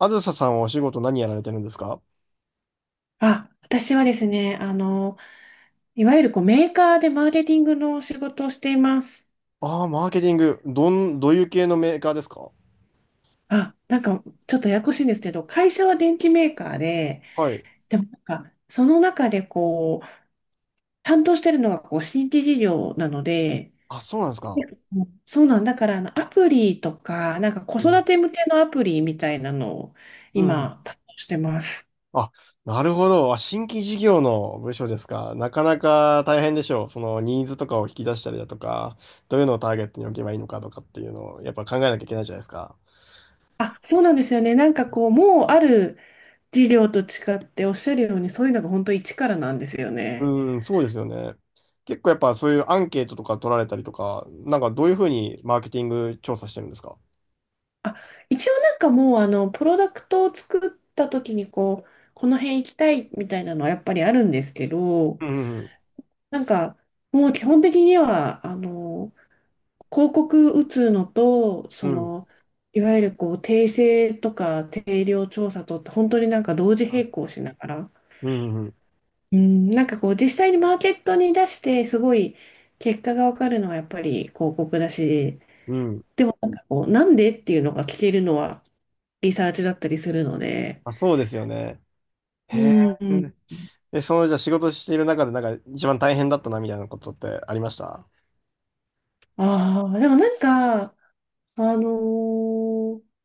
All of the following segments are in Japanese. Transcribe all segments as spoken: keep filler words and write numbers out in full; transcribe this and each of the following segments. あずささんはお仕事何やられてるんですか？あ、私はですね、あの、いわゆるこうメーカーでマーケティングの仕事をしています。ああー、マーケティング。どん、どういう系のメーカーですか？あ、なんかちょっとややこしいんですけど、会社は電機メーカーで、はい。でもなんかその中でこう、担当してるのがこう新規事業なので、あ、そうなんですで、か。そうなんだからあのアプリとか、なんか子う育ん。て向けのアプリみたいなのをうんうん。今担当してます。あ、なるほど。あ、新規事業の部署ですか？なかなか大変でしょう。そのニーズとかを引き出したりだとか、どういうのをターゲットに置けばいいのかとかっていうのをやっぱ考えなきゃいけないじゃないですか。あ、そうなんですよね。なんかこう、もうある事業と違っておっしゃるように、そういうのが本当一からなんですよね。うん、そうですよね。結構やっぱそういうアンケートとか取られたりとか、なんかどういうふうにマーケティング調査してるんですか？あ、一応なんかもうあのプロダクトを作った時にこうこの辺行きたいみたいなのはやっぱりあるんですけど、うんうんなんかもう基本的にはあの広告打つのと、うそん。のいわゆるこう訂正とか定量調査とって本当になんか同時うん。並行しながら、うんうんうん。うん、なんかこう実際にマーケットに出してすごい結果が分かるのはやっぱり広告だし、うん。なんかこうなんでっていうのが聞けるのはリサーチだったりするので。あ、そうですよね。へうえ。んうん。え、その、じゃあ仕事している中で、なんか一番大変だったな、みたいなことってありました？ああ、でもなんか、あのー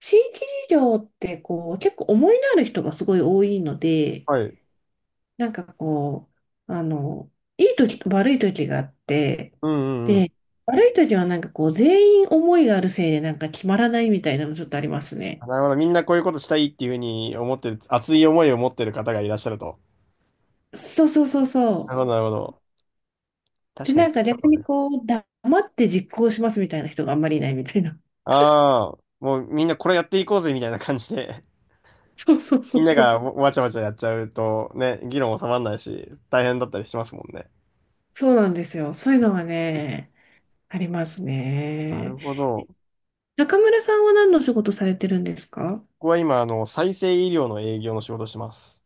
新規事業ってこう、結構思いのある人がすごい多いので、はい。なんかこう、あの、いい時と悪い時があって、うんうんうん。で、悪い時はなんかこう、全員思いがあるせいでなんか決まらないみたいなのちょっとありますあ、ね。なるほど。みんなこういうことしたいっていうふうに思ってる、熱い思いを持ってる方がいらっしゃると。そうそうそうそなるう。ほど、なるほど。で、確かなに。んか逆にこう、黙って実行しますみたいな人があんまりいないみたいな。ああ、もうみんなこれやっていこうぜ、みたいな感じで。そうそう そみんうなそう。がわわちゃわちゃやっちゃうと、ね、議論収まらないし、大変だったりしますもんね。そうなんですよ。そういうのはね、ありますなるね。ほど。中村さんは何の仕事されてるんですか？僕は今、あの、再生医療の営業の仕事をしてます。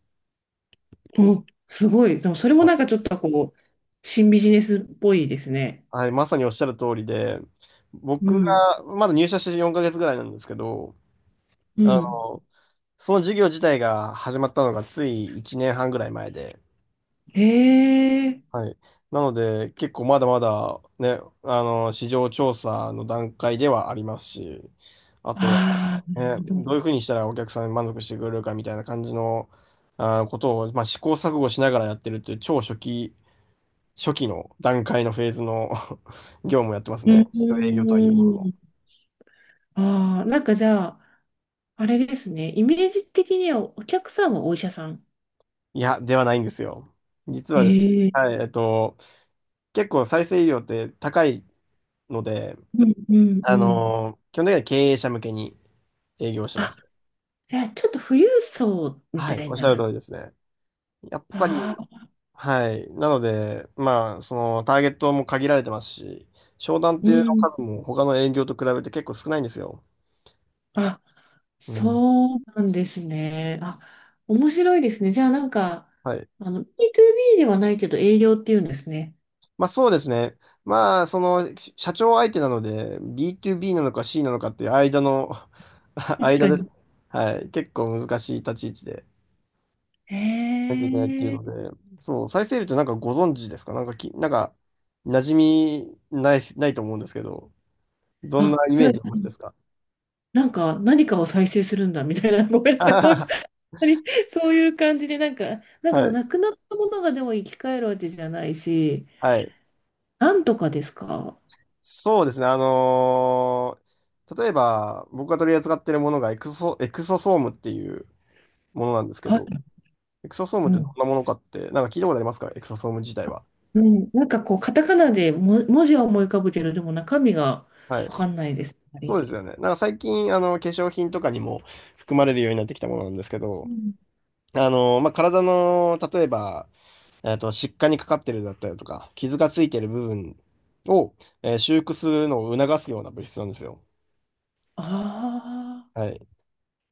お、すごい。でもそれもなんかちょっとこう、新ビジネスっぽいですね。はい、まさにおっしゃる通りで、う僕ん。がまだ入社してよんかげつぐらいなんですけど、うあん。の、その授業自体が始まったのがついいちねんはんぐらい前で、へえ。はい。なので、結構まだまだね、あの、市場調査の段階ではありますし、あとあは、あ、なるね、ほどういうど。ふうにしたらお客さんに満足してくれるかみたいな感じの、あ、ことを、まあ、試行錯誤しながらやってるっていう超初期、初期の段階のフェーズの 業務をやってますうね。営業とはいうものの。ん。ああ、なんかじゃあ、あれですね。イメージ的にはお客さんはお医者さん。いや、ではないんですよ。実えはですね、え。はい、えっと、結構再生医療って高いので、うんうんうあん。のー基本的には経営者向けに営業してまあ、す。じゃあちょっと富裕層みはたい、おいっしゃるな。通りですね。やっぱり、ああ、はい、なので、まあ、そのターゲットも限られてますし、商談っうていうのん。数も他の営業と比べて結構少ないんですよ。あ、うん。そうなんですね。あ、面白いですね。じゃあなんか、はい。あの、ビーツービー ではないけど営業っていうんですね。まあそうですね。まあ、その、し社長相手なので、ビーツービー なのか C なのかっていう間の 確間かで、に。はい、結構難しい立ち位置でへなきゃいけないっていうえ。ので、そう、再生るとなんかご存知ですかなんかき、なんか、馴染みない、ないと思うんですけど、どんなあ、イそメう、ージを持ちですか？ なんか何かを再生するんだみたいな。ごめんなさい。そう いう、そういう感じで、なんか、なんはかい、なくなったものがでも生き返るわけじゃないし、はい。なんとかですか？そうですね。あのー例えば、僕が取り扱っているものがエクソ、エクソソームっていうものなんですけはど、い。エクソソームうってどんん。なものかって、なんか聞いたことありますか？エクソソーム自体は。うん、なんかこう、カタカナでも文字は思い浮かぶけど、でも中身がはわい。かんないです。やっぱそり。うですよね。なんか最近、あの、化粧品とかにも含まれるようになってきたものなんですけうど、ん。あの、まあ、体の、例えば、えっと、疾患にかかってるだったりとか、傷がついてる部分を、えー修復するのを促すような物質なんですよ。あはい。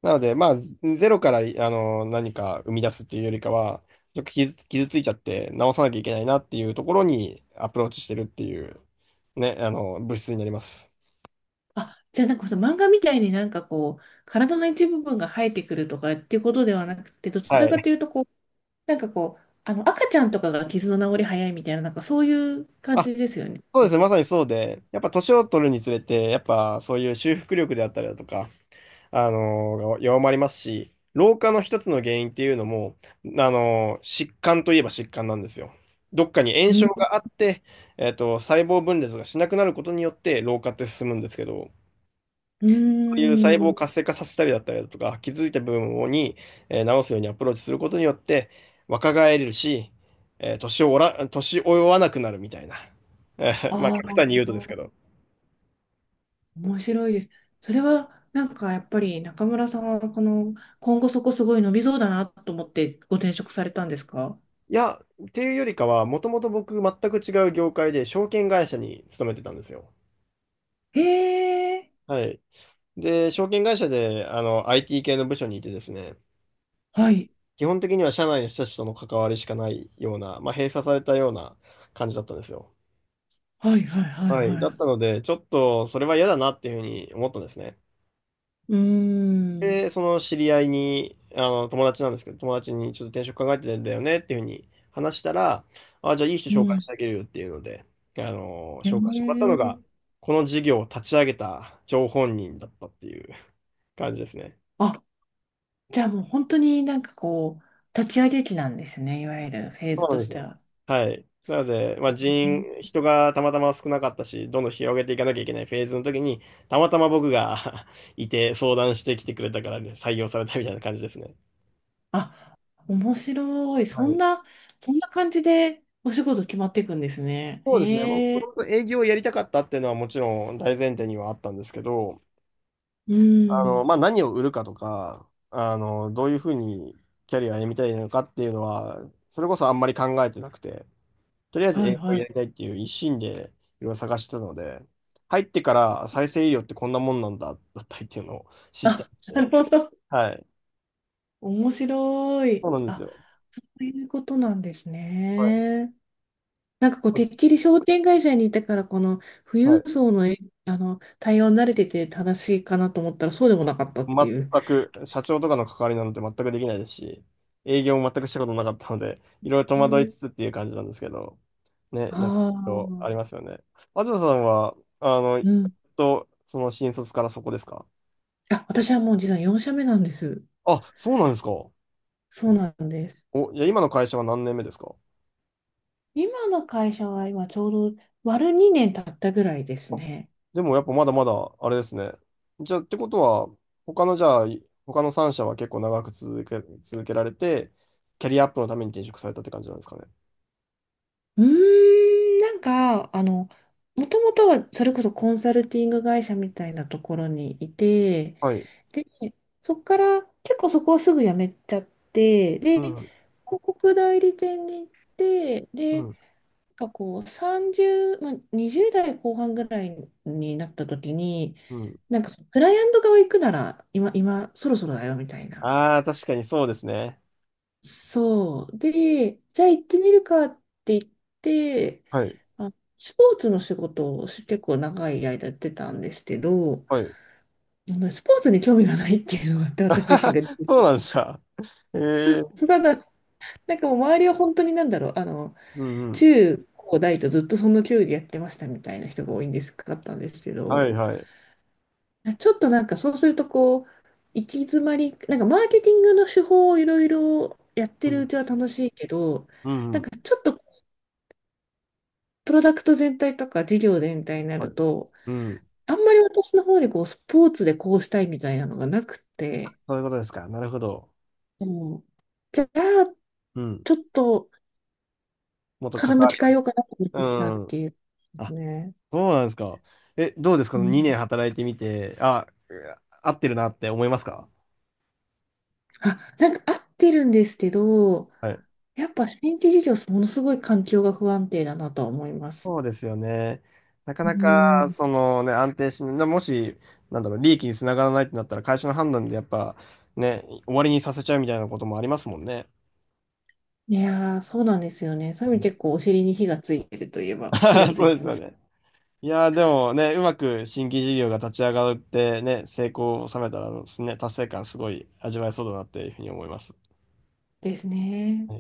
なので、まあ、ゼゼロから、あの、何か生み出すっていうよりかは、ちょっと傷、傷ついちゃって直さなきゃいけないなっていうところにアプローチしてるっていう、ね、あの、物質になります。あ。あ、じゃあなんかその漫画みたいになんかこう、体の一部分が生えてくるとかっていうことではなくて、どちはらかい。というとこう、なんかこう、あの赤ちゃんとかが傷の治り早いみたいな、なんかそういう感あ、じですよね。そうですうね。まさにそうで、やっぱ年を取るにつれて、やっぱそういう修復力であったりだとか、あのー弱まりますし、老化の一つの原因っていうのも、あのー疾患といえば疾患なんですよ。どっかに炎症ん。があって、えっと、細胞分裂がしなくなることによって老化って進むんですけど、うそういう細ー胞をん。活性化させたりだったりだとか、気づいた部分をに、えー治すようにアプローチすることによって、若返れるし、えー年をおら、年追わなくなるみたいな。えーまあ、あ極あ、端に言うとですけど。面白いです。それはなんかやっぱり中村さんはこの、今後そこすごい伸びそうだなと思ってご転職されたんですか？いや、っていうよりかは、もともと僕、全く違う業界で、証券会社に勤めてたんですよ。へえ。はい。で、証券会社で、あの、アイティー 系の部署にいてですね、はい。基本的には社内の人たちとの関わりしかないような、まあ、閉鎖されたような感じだったんですよ。はいはいはいはい。はだっい。たので、ちょっとそれは嫌だなっていうふうに思ったんですね。うーん。で、その知り合いに、あの、友達なんですけど、友達にちょっと転職考えてるんだよねっていうふうに話したら、あ、じゃあいい人う紹介ん。してあげるよっていうので、あの、へ紹介してもらったのえ。が、この事業を立ち上げた張本人だったっていう感じですね。あ、じゃあもう本当になんかこう、立ち上げ期なんですね、いわゆるフェーそズうなとんでしすてよ。は。はい。なので、まへあ、人、え。人がたまたま少なかったし、どんどん広げていかなきゃいけないフェーズの時に、たまたま僕が いて相談してきてくれたからね、採用されたみたいな感じですね。あ、面白い。そはんい。な、そんな感じでお仕事決まっていくんですね。そうですね。もへともえ。と営業をやりたかったっていうのはもちろん大前提にはあったんですけど、うあの、ん。まあ、何を売るかとか、あの、どういうふうにキャリアを歩みたいのかっていうのは、それこそあんまり考えてなくて、とりあえずはい英語はい。やりたいっていう一心でいろいろ探してたので、入ってから再生医療ってこんなもんなんだ、だったりっていうのを知ったりし なて。るほど。はい。面白い。そうなんですあ、よ。そういうことなんですはい。ね。なんかこう、てっきり商店会社にいたから、この富は裕い。層の、え、あの対応に慣れてて正しいかなと思ったら、そうでもなかったっていう。全く、社長とかの関わりなんて全くできないですし、営業も全くしたことなかったので、いろいろ戸惑いつつっていう感じなんですけど、ね、あなんか、ありまあ、すよね。あずささんは、あの、うん。と、その新卒からそこですか？あ、私はもう実はよん社目なんです。あ、そうなんですか。そうなんです。お、いや、今の会社は何年目ですか？今の会社は今ちょうど割るにねん経ったぐらいですね。でもやっぱまだまだあれですね。じゃあってことは、他のじゃあ、他のさんしゃ社は結構長く続け、続けられて、キャリアアップのために転職されたって感じなんですかね。うーん、なんか、あの、もともとはそれこそコンサルティング会社みたいなところにいて、はい。で、そこから結構そこをすぐ辞めちゃって、で、う広ん、告代理店に行って、うで、なんん、かこうさんじゅう、まあ、にじゅう代後半ぐらいになった時に、うん。なんかクライアント側行くなら今、今そろそろだよみたいな。ああ、確かにそうですね。そう。で、じゃあ行ってみるかって言って、はい、あ、スポーツの仕事を結構長い間やってたんですけど、はい。あのスポーツに興味がないっていうのがあって、私自身が。そうなんですか。えそう。えまだ、なんかもう周りは本当になんだろう、あの、うんうん。中高大とずっとその競技やってましたみたいな人が多いんですかったんですけはど、い、はい。あ、ちょっとなんかそうするとこう、行き詰まり、なんかマーケティングの手法をいろいろやってうるうん、ちは楽しいけど、うん、うなんん。かちょっとプロダクト全体とか事業全体になはるい。と、うん。あんまり私の方にこうスポーツでこうしたいみたいなのがなくて、そういうことですか。なるほど。もうじゃあうん。ちょっともっと関傾わきり、変えようかなと思っうてきたっん。ていうあ、ね。そうなんですか。え、どうですか？ うん。 にねん 年働いてみて、あ、合ってるなって思いますか？あ、なんか合ってるんですけど、はい。やっぱ新規事業、ものすごい環境が不安定だなとは思います。そうですよね。なかうなか、ん。そのね、安定しない、もし、なんだろう、利益につながらないってなったら、会社の判断でやっぱ、ね、終わりにさせちゃうみたいなこともありますもんね。いやー、そうなんですよね。そういう意味結構お尻に火がついてるといえば、火が つそいうでてすまよす。ね。いやー、でもね、うまく新規事業が立ち上がってね、成功を収めたらですね、達成感すごい味わえそうだなっていうふうに思います。ですね。